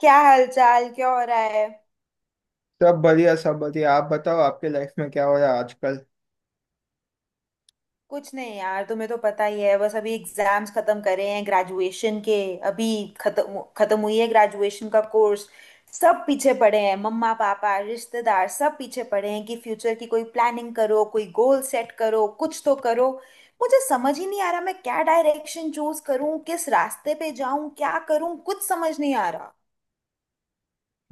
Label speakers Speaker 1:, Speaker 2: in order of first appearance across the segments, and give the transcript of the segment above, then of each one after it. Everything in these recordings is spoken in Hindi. Speaker 1: क्या हाल चाल, क्या हो रहा है।
Speaker 2: सब बढ़िया सब बढ़िया। आप बताओ आपके लाइफ में क्या हो रहा है आजकल।
Speaker 1: कुछ नहीं यार, तुम्हें तो पता ही है। बस अभी एग्जाम्स खत्म करे हैं ग्रेजुएशन के। अभी खत्म खत्म हुई है ग्रेजुएशन का कोर्स। सब पीछे पड़े हैं, मम्मा पापा रिश्तेदार सब पीछे पड़े हैं कि फ्यूचर की कोई प्लानिंग करो, कोई गोल सेट करो, कुछ तो करो। मुझे समझ ही नहीं आ रहा, मैं क्या डायरेक्शन चूज करूं, किस रास्ते पे जाऊं, क्या करूं, कुछ समझ नहीं आ रहा।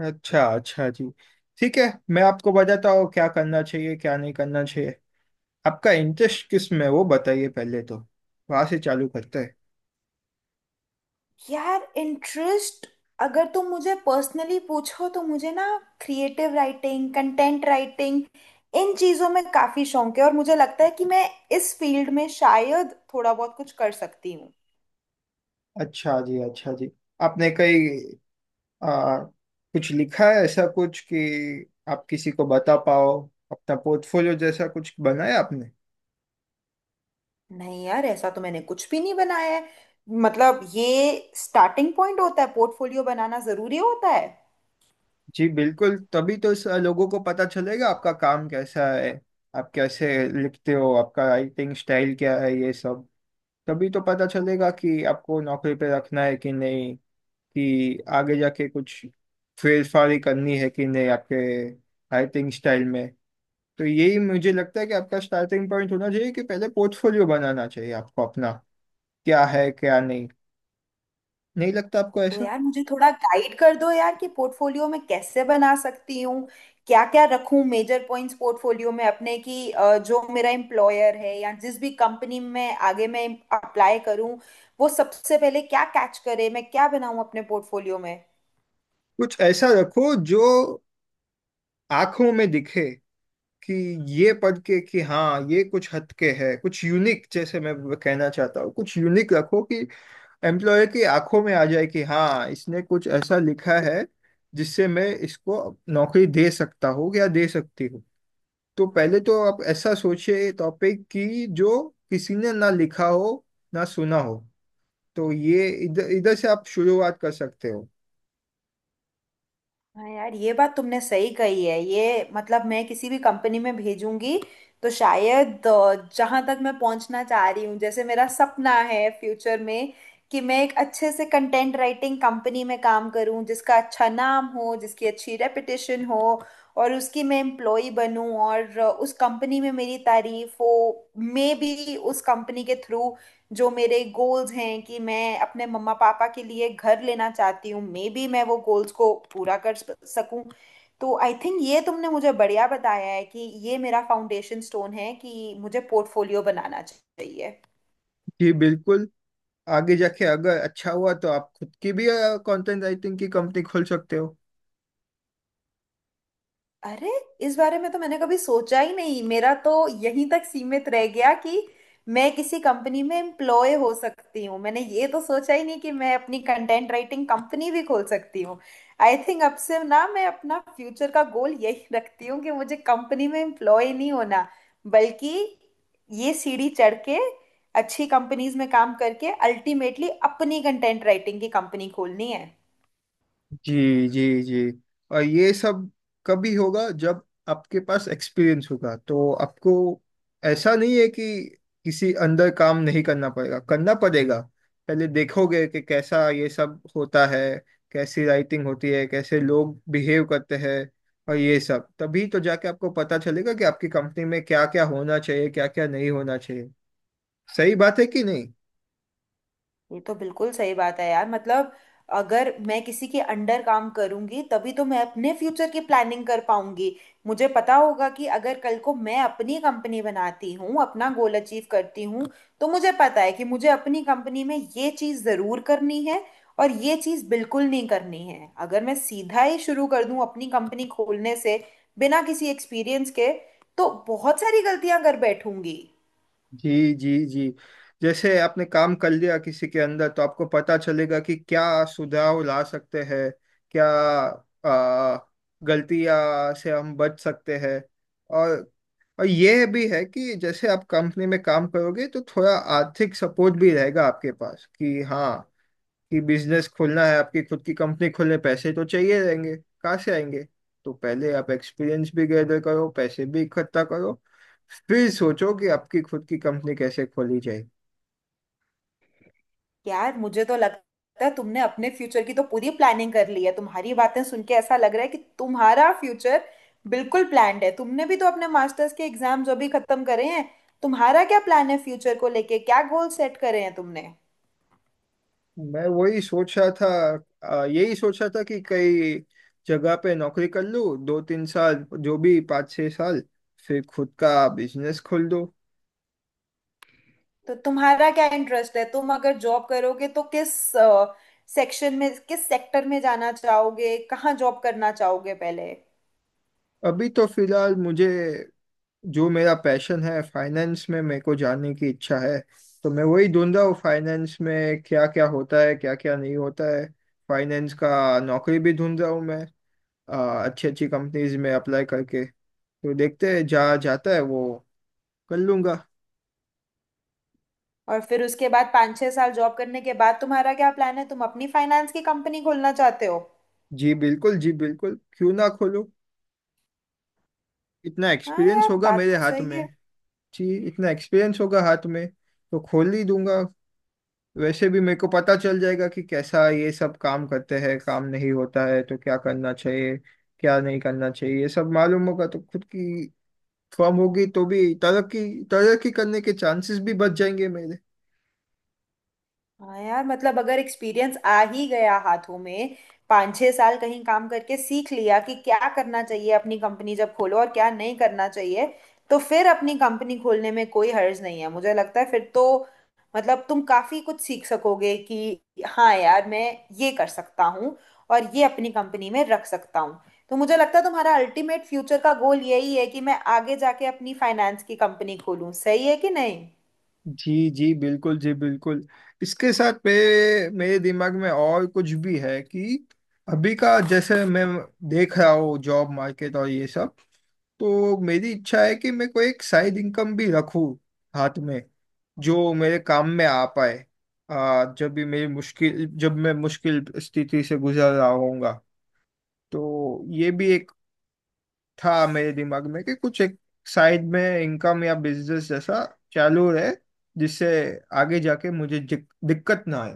Speaker 2: अच्छा अच्छा जी। ठीक है। मैं आपको बताता हूँ क्या करना चाहिए क्या नहीं करना चाहिए। आपका इंटरेस्ट किस में है, वो बताइए पहले तो। वहां से चालू करते हैं।
Speaker 1: यार इंटरेस्ट, अगर तुम मुझे पर्सनली पूछो तो मुझे ना क्रिएटिव राइटिंग, कंटेंट राइटिंग, इन चीज़ों में काफ़ी शौक है, और मुझे लगता है कि मैं इस फील्ड में शायद थोड़ा बहुत कुछ कर सकती हूँ।
Speaker 2: अच्छा जी अच्छा जी। आपने कहीं आ, कुछ लिखा है ऐसा कुछ कि आप किसी को बता पाओ? अपना पोर्टफोलियो जैसा कुछ बनाया आपने?
Speaker 1: नहीं यार, ऐसा तो मैंने कुछ भी नहीं बनाया है। मतलब ये स्टार्टिंग पॉइंट होता है, पोर्टफोलियो बनाना ज़रूरी होता है।
Speaker 2: जी बिल्कुल। तभी तो लोगों को पता चलेगा आपका काम कैसा है, आप कैसे लिखते हो, आपका राइटिंग स्टाइल क्या है, ये सब। तभी तो पता चलेगा कि आपको नौकरी पे रखना है कि नहीं, कि आगे जाके कुछ फेरफारी करनी है कि नहीं आपके राइटिंग स्टाइल में। तो यही मुझे लगता है कि आपका स्टार्टिंग पॉइंट होना चाहिए, कि पहले पोर्टफोलियो बनाना चाहिए आपको अपना। क्या है क्या नहीं, नहीं लगता आपको
Speaker 1: तो
Speaker 2: ऐसा?
Speaker 1: यार मुझे थोड़ा गाइड कर दो यार कि पोर्टफोलियो में कैसे बना सकती हूँ, क्या क्या रखूँ मेजर पॉइंट्स पोर्टफोलियो में अपने। कि जो मेरा एम्प्लॉयर है या जिस भी कंपनी में आगे मैं अप्लाई करूँ, वो सबसे पहले क्या कैच करे, मैं क्या बनाऊँ अपने पोर्टफोलियो में।
Speaker 2: कुछ ऐसा रखो जो आंखों में दिखे, कि ये पढ़ के कि हाँ, ये कुछ हद के है, कुछ यूनिक। जैसे मैं कहना चाहता हूँ, कुछ यूनिक रखो कि एम्प्लॉयर की आंखों में आ जाए कि हाँ, इसने कुछ ऐसा लिखा है जिससे मैं इसको नौकरी दे सकता हूँ या दे सकती हूँ। तो पहले तो आप ऐसा सोचिए टॉपिक की जो किसी ने ना लिखा हो, ना सुना हो। तो ये इधर इधर से आप शुरुआत कर सकते हो।
Speaker 1: हाँ यार, ये बात तुमने सही कही है। ये मतलब मैं किसी भी कंपनी में भेजूंगी तो शायद जहां तक मैं पहुंचना चाह रही हूँ, जैसे मेरा सपना है फ्यूचर में कि मैं एक अच्छे से कंटेंट राइटिंग कंपनी में काम करूँ जिसका अच्छा नाम हो, जिसकी अच्छी रेपुटेशन हो, और उसकी मैं एम्प्लॉय बनूं, और उस कंपनी में मेरी तारीफ हो। मे बी उस कंपनी के थ्रू जो मेरे गोल्स हैं कि मैं अपने मम्मा पापा के लिए घर लेना चाहती हूँ, मे बी मैं वो गोल्स को पूरा कर सकूं। तो आई थिंक ये तुमने मुझे बढ़िया बताया है कि ये मेरा फाउंडेशन स्टोन है कि मुझे पोर्टफोलियो बनाना चाहिए।
Speaker 2: जी बिल्कुल। आगे जाके अगर अच्छा हुआ तो आप खुद की भी कंटेंट राइटिंग की कंपनी खोल सकते हो।
Speaker 1: अरे, इस बारे में तो मैंने कभी सोचा ही नहीं। मेरा तो यहीं तक सीमित रह गया कि मैं किसी कंपनी में एम्प्लॉय हो सकती हूँ। मैंने ये तो सोचा ही नहीं कि मैं अपनी कंटेंट राइटिंग कंपनी भी खोल सकती हूँ। आई थिंक अब से ना मैं अपना फ्यूचर का गोल यही रखती हूँ कि मुझे कंपनी में एम्प्लॉय नहीं होना, बल्कि ये सीढ़ी चढ़ के अच्छी कंपनीज में काम करके अल्टीमेटली अपनी कंटेंट राइटिंग की कंपनी खोलनी है।
Speaker 2: जी जी जी। और ये सब कभी होगा जब आपके पास एक्सपीरियंस होगा, तो आपको ऐसा नहीं है कि किसी अंदर काम नहीं करना पड़ेगा, करना पड़ेगा। पहले देखोगे कि कैसा ये सब होता है, कैसी राइटिंग होती है, कैसे लोग बिहेव करते हैं। और ये सब तभी तो जाके आपको पता चलेगा कि आपकी कंपनी में क्या क्या होना चाहिए क्या क्या नहीं होना चाहिए। सही बात है कि नहीं?
Speaker 1: ये तो बिल्कुल सही बात है यार। मतलब अगर मैं किसी के अंडर काम करूंगी तभी तो मैं अपने फ्यूचर की प्लानिंग कर पाऊंगी। मुझे पता होगा कि अगर कल को मैं अपनी कंपनी बनाती हूँ, अपना गोल अचीव करती हूँ, तो मुझे पता है कि मुझे अपनी कंपनी में ये चीज़ ज़रूर करनी है और ये चीज़ बिल्कुल नहीं करनी है। अगर मैं सीधा ही शुरू कर दूँ अपनी कंपनी खोलने से, बिना किसी एक्सपीरियंस के, तो बहुत सारी गलतियां कर बैठूंगी।
Speaker 2: जी जी जी। जैसे आपने काम कर लिया किसी के अंदर तो आपको पता चलेगा कि क्या सुधार ला सकते हैं, क्या आ, गलतियां से हम बच सकते हैं। और और ये भी है कि जैसे आप कंपनी में काम करोगे तो थोड़ा आर्थिक सपोर्ट भी रहेगा आपके पास, कि हाँ कि बिजनेस खोलना है। आपकी खुद की कंपनी खोलने पैसे तो चाहिए रहेंगे, कहाँ से आएंगे? तो पहले आप एक्सपीरियंस भी गैदर करो, पैसे भी इकट्ठा करो, फिर सोचो कि आपकी खुद की कंपनी कैसे खोली जाए।
Speaker 1: यार मुझे तो लगता है तुमने अपने फ्यूचर की तो पूरी प्लानिंग कर ली है। तुम्हारी बातें सुन के ऐसा लग रहा है कि तुम्हारा फ्यूचर बिल्कुल प्लान्ड है। तुमने भी तो अपने मास्टर्स के एग्जाम्स अभी खत्म करे हैं। तुम्हारा क्या प्लान है फ्यूचर को लेके, क्या गोल सेट करे हैं तुमने?
Speaker 2: मैं वही सोच रहा था। यही सोच रहा था कि कई जगह पे नौकरी कर लूँ, 2-3 साल जो भी, 5-6 साल, फिर खुद का बिजनेस खोल दो।
Speaker 1: तो तुम्हारा क्या इंटरेस्ट है, तुम अगर जॉब करोगे तो किस सेक्शन में, किस सेक्टर में जाना चाहोगे, कहाँ जॉब करना चाहोगे पहले?
Speaker 2: अभी तो फिलहाल मुझे जो मेरा पैशन है, फाइनेंस में मेरे को जानने की इच्छा है। तो मैं वही ढूंढ रहा हूँ, फाइनेंस में क्या क्या होता है क्या क्या नहीं होता है। फाइनेंस का नौकरी भी ढूंढ रहा हूँ मैं, अच्छी अच्छी कंपनीज में अप्लाई करके। तो देखते हैं जहाँ जाता है, वो कर लूंगा।
Speaker 1: और फिर उसके बाद पाँच छह साल जॉब करने के बाद तुम्हारा क्या प्लान है, तुम अपनी फाइनेंस की कंपनी खोलना चाहते हो?
Speaker 2: जी बिल्कुल जी बिल्कुल, क्यों ना खोलूँ? इतना
Speaker 1: हाँ
Speaker 2: एक्सपीरियंस
Speaker 1: यार
Speaker 2: होगा
Speaker 1: बात
Speaker 2: मेरे
Speaker 1: तो
Speaker 2: हाथ
Speaker 1: सही
Speaker 2: में।
Speaker 1: है।
Speaker 2: जी इतना एक्सपीरियंस होगा हाथ में, तो खोल ही दूंगा। वैसे भी मेरे को पता चल जाएगा कि कैसा ये सब काम करते हैं, काम नहीं होता है तो क्या करना चाहिए, क्या नहीं करना चाहिए, ये सब मालूम होगा। तो खुद की फर्म होगी तो भी तरक्की तरक्की करने के चांसेस भी बच जाएंगे मेरे।
Speaker 1: हाँ यार, मतलब अगर एक्सपीरियंस आ ही गया हाथों में, पाँच छह साल कहीं काम करके सीख लिया कि क्या करना चाहिए अपनी कंपनी जब खोलो और क्या नहीं करना चाहिए, तो फिर अपनी कंपनी खोलने में कोई हर्ज नहीं है मुझे लगता है। फिर तो मतलब तुम काफी कुछ सीख सकोगे कि हाँ यार, मैं ये कर सकता हूँ और ये अपनी कंपनी में रख सकता हूँ। तो मुझे लगता है तुम्हारा अल्टीमेट फ्यूचर का गोल यही है कि मैं आगे जाके अपनी फाइनेंस की कंपनी खोलूँ, सही है कि नहीं?
Speaker 2: जी जी बिल्कुल जी बिल्कुल। इसके साथ मेरे मेरे दिमाग में और कुछ भी है कि अभी का जैसे मैं देख रहा हूँ जॉब मार्केट और ये सब। तो मेरी इच्छा है कि मैं कोई एक साइड इनकम भी रखूं हाथ में, जो मेरे काम में आ पाए, जब मैं मुश्किल स्थिति से गुजर रहा होऊंगा। तो ये भी एक था मेरे दिमाग में कि कुछ एक साइड में इनकम या बिजनेस जैसा चालू रहे, जिससे आगे जाके मुझे दिक्कत ना आए।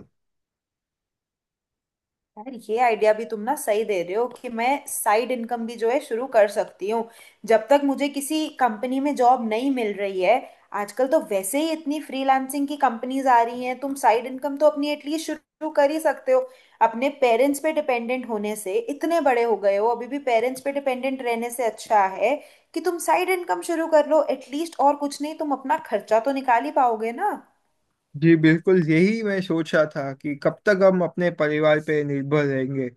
Speaker 1: यार ये आइडिया भी तुम ना सही दे रहे हो कि मैं साइड इनकम भी जो है शुरू कर सकती हूँ जब तक मुझे किसी कंपनी में जॉब नहीं मिल रही है। आजकल तो वैसे ही इतनी फ्रीलांसिंग की कंपनीज आ रही हैं, तुम साइड इनकम तो अपनी एटलीस्ट शुरू कर ही सकते हो। अपने पेरेंट्स पे डिपेंडेंट होने से, इतने बड़े हो गए हो अभी भी पेरेंट्स पे डिपेंडेंट रहने से अच्छा है कि तुम साइड इनकम शुरू कर लो एटलीस्ट। और कुछ नहीं तुम अपना खर्चा तो निकाल ही पाओगे ना।
Speaker 2: जी बिल्कुल। यही मैं सोच रहा था कि कब तक हम अपने परिवार पे निर्भर रहेंगे,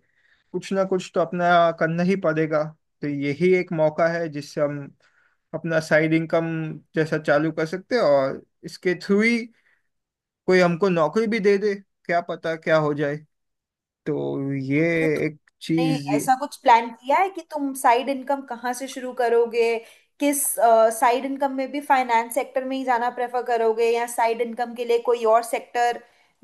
Speaker 2: कुछ ना कुछ तो अपना करना ही पड़ेगा। तो यही एक मौका है जिससे हम अपना साइड इनकम जैसा चालू कर सकते हैं, और इसके थ्रू ही कोई हमको नौकरी भी दे दे, क्या पता क्या हो जाए। तो ये एक
Speaker 1: ने
Speaker 2: चीज
Speaker 1: ऐसा कुछ प्लान किया है कि तुम साइड इनकम कहाँ से शुरू करोगे, किस साइड इनकम में भी फाइनेंस सेक्टर में ही जाना प्रेफर करोगे या साइड इनकम के लिए कोई और सेक्टर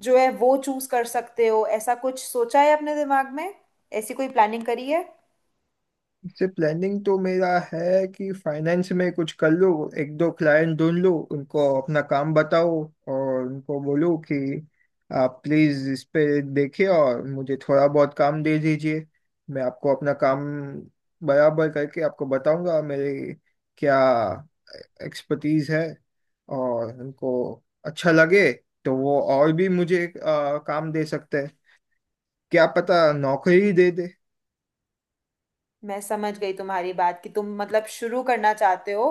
Speaker 1: जो है वो चूज कर सकते हो? ऐसा कुछ सोचा है अपने दिमाग में, ऐसी कोई प्लानिंग करी है?
Speaker 2: से प्लानिंग तो मेरा है कि फाइनेंस में कुछ कर लो, 1-2 क्लाइंट ढूंढ लो, उनको अपना काम बताओ, और उनको बोलो कि आप प्लीज इस पे देखिए और मुझे थोड़ा बहुत काम दे दीजिए। मैं आपको अपना काम बराबर करके आपको बताऊंगा मेरे क्या एक्सपर्टीज है। और उनको अच्छा लगे तो वो और भी मुझे काम दे सकते हैं। क्या पता नौकरी ही दे दे।
Speaker 1: मैं समझ गई तुम्हारी बात कि तुम मतलब शुरू करना चाहते हो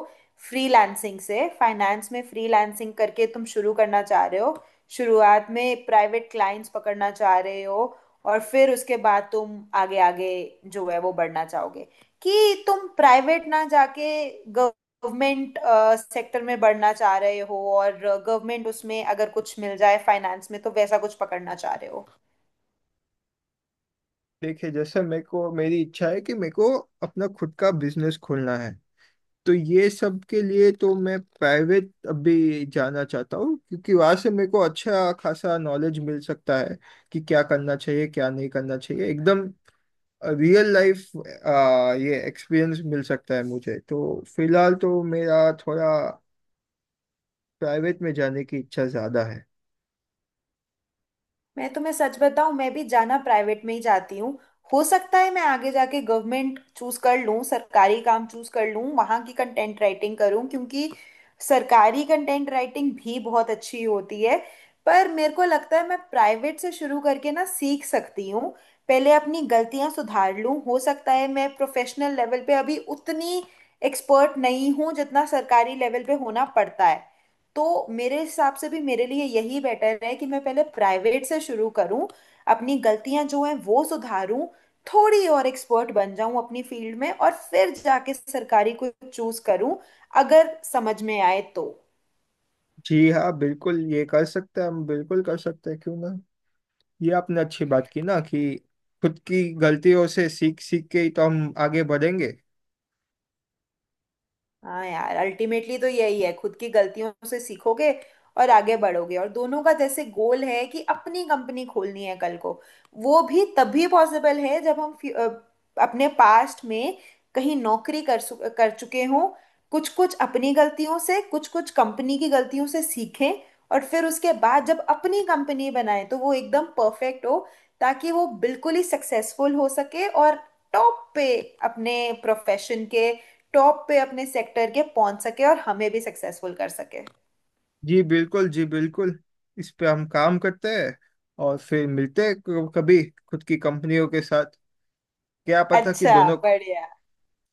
Speaker 1: फ्रीलांसिंग से, फाइनेंस में फ्रीलांसिंग करके तुम शुरू करना चाह रहे हो। शुरुआत में प्राइवेट क्लाइंट्स पकड़ना चाह रहे हो और फिर उसके बाद तुम आगे आगे जो है वो बढ़ना चाहोगे। कि तुम प्राइवेट ना जाके गवर्नमेंट सेक्टर में बढ़ना चाह रहे हो, और गवर्नमेंट उसमें अगर कुछ मिल जाए फाइनेंस में तो वैसा कुछ पकड़ना चाह रहे हो।
Speaker 2: देखिए जैसे मेरे को मेरी इच्छा है कि मेरे को अपना खुद का बिजनेस खोलना है, तो ये सब के लिए तो मैं प्राइवेट अभी जाना चाहता हूँ, क्योंकि वहां से मेरे को अच्छा खासा नॉलेज मिल सकता है कि क्या करना चाहिए क्या नहीं करना चाहिए, एकदम रियल लाइफ ये एक्सपीरियंस मिल सकता है मुझे। तो फिलहाल तो मेरा थोड़ा प्राइवेट में जाने की इच्छा ज्यादा है।
Speaker 1: मैं तुम्हें सच बताऊं, मैं भी जाना प्राइवेट में ही जाती हूँ। हो सकता है मैं आगे जाके गवर्नमेंट चूज कर लूँ, सरकारी काम चूज कर लूँ, वहाँ की कंटेंट राइटिंग करूँ क्योंकि सरकारी कंटेंट राइटिंग भी बहुत अच्छी होती है। पर मेरे को लगता है मैं प्राइवेट से शुरू करके ना सीख सकती हूँ, पहले अपनी गलतियाँ सुधार लूँ। हो सकता है मैं प्रोफेशनल लेवल पे अभी उतनी एक्सपर्ट नहीं हूँ जितना सरकारी लेवल पे होना पड़ता है। तो मेरे हिसाब से भी मेरे लिए यही बेटर है कि मैं पहले प्राइवेट से शुरू करूं, अपनी गलतियां जो हैं वो सुधारूं, थोड़ी और एक्सपर्ट बन जाऊं अपनी फील्ड में, और फिर जाके सरकारी को चूज करूं, अगर समझ में आए तो।
Speaker 2: जी हाँ बिल्कुल, ये कर सकते हैं हम, बिल्कुल कर सकते हैं, क्यों ना। ये आपने अच्छी बात की ना, कि खुद की गलतियों से सीख सीख के ही तो हम आगे बढ़ेंगे।
Speaker 1: हाँ यार, अल्टीमेटली तो यही है, खुद की गलतियों से सीखोगे और आगे बढ़ोगे। और दोनों का जैसे गोल है कि अपनी कंपनी खोलनी है कल को, वो भी तभी पॉसिबल है जब हम अपने पास्ट में कहीं नौकरी कर चुके हों, कुछ कुछ अपनी गलतियों से कुछ कुछ कंपनी की गलतियों से सीखें, और फिर उसके बाद जब अपनी कंपनी बनाएं तो वो एकदम परफेक्ट हो, ताकि वो बिल्कुल ही सक्सेसफुल हो सके और टॉप पे अपने प्रोफेशन के, टॉप पे अपने सेक्टर के पहुंच सके, और हमें भी सक्सेसफुल कर सके।
Speaker 2: जी बिल्कुल जी बिल्कुल। इस पे हम काम करते हैं और फिर मिलते हैं कभी, खुद की कंपनियों के साथ। क्या पता कि
Speaker 1: अच्छा
Speaker 2: दोनों
Speaker 1: बढ़िया।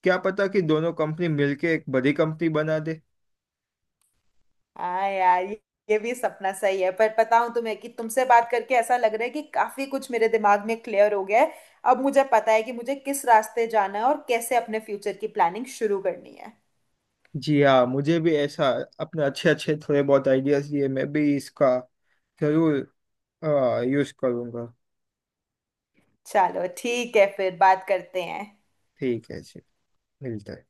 Speaker 2: क्या पता कि दोनों कंपनी मिलके एक बड़ी कंपनी बना दे।
Speaker 1: हाँ यार, ये भी सपना सही है। पर पता हूँ तुम्हें कि तुमसे बात करके ऐसा लग रहा है कि काफी कुछ मेरे दिमाग में क्लियर हो गया है। अब मुझे पता है कि मुझे किस रास्ते जाना है और कैसे अपने फ्यूचर की प्लानिंग शुरू करनी है।
Speaker 2: जी हाँ, मुझे भी ऐसा अपने अच्छे अच्छे थोड़े बहुत आइडियाज दिए, मैं भी इसका जरूर यूज करूंगा।
Speaker 1: चलो ठीक है, फिर बात करते हैं।
Speaker 2: ठीक है जी। मिलते हैं।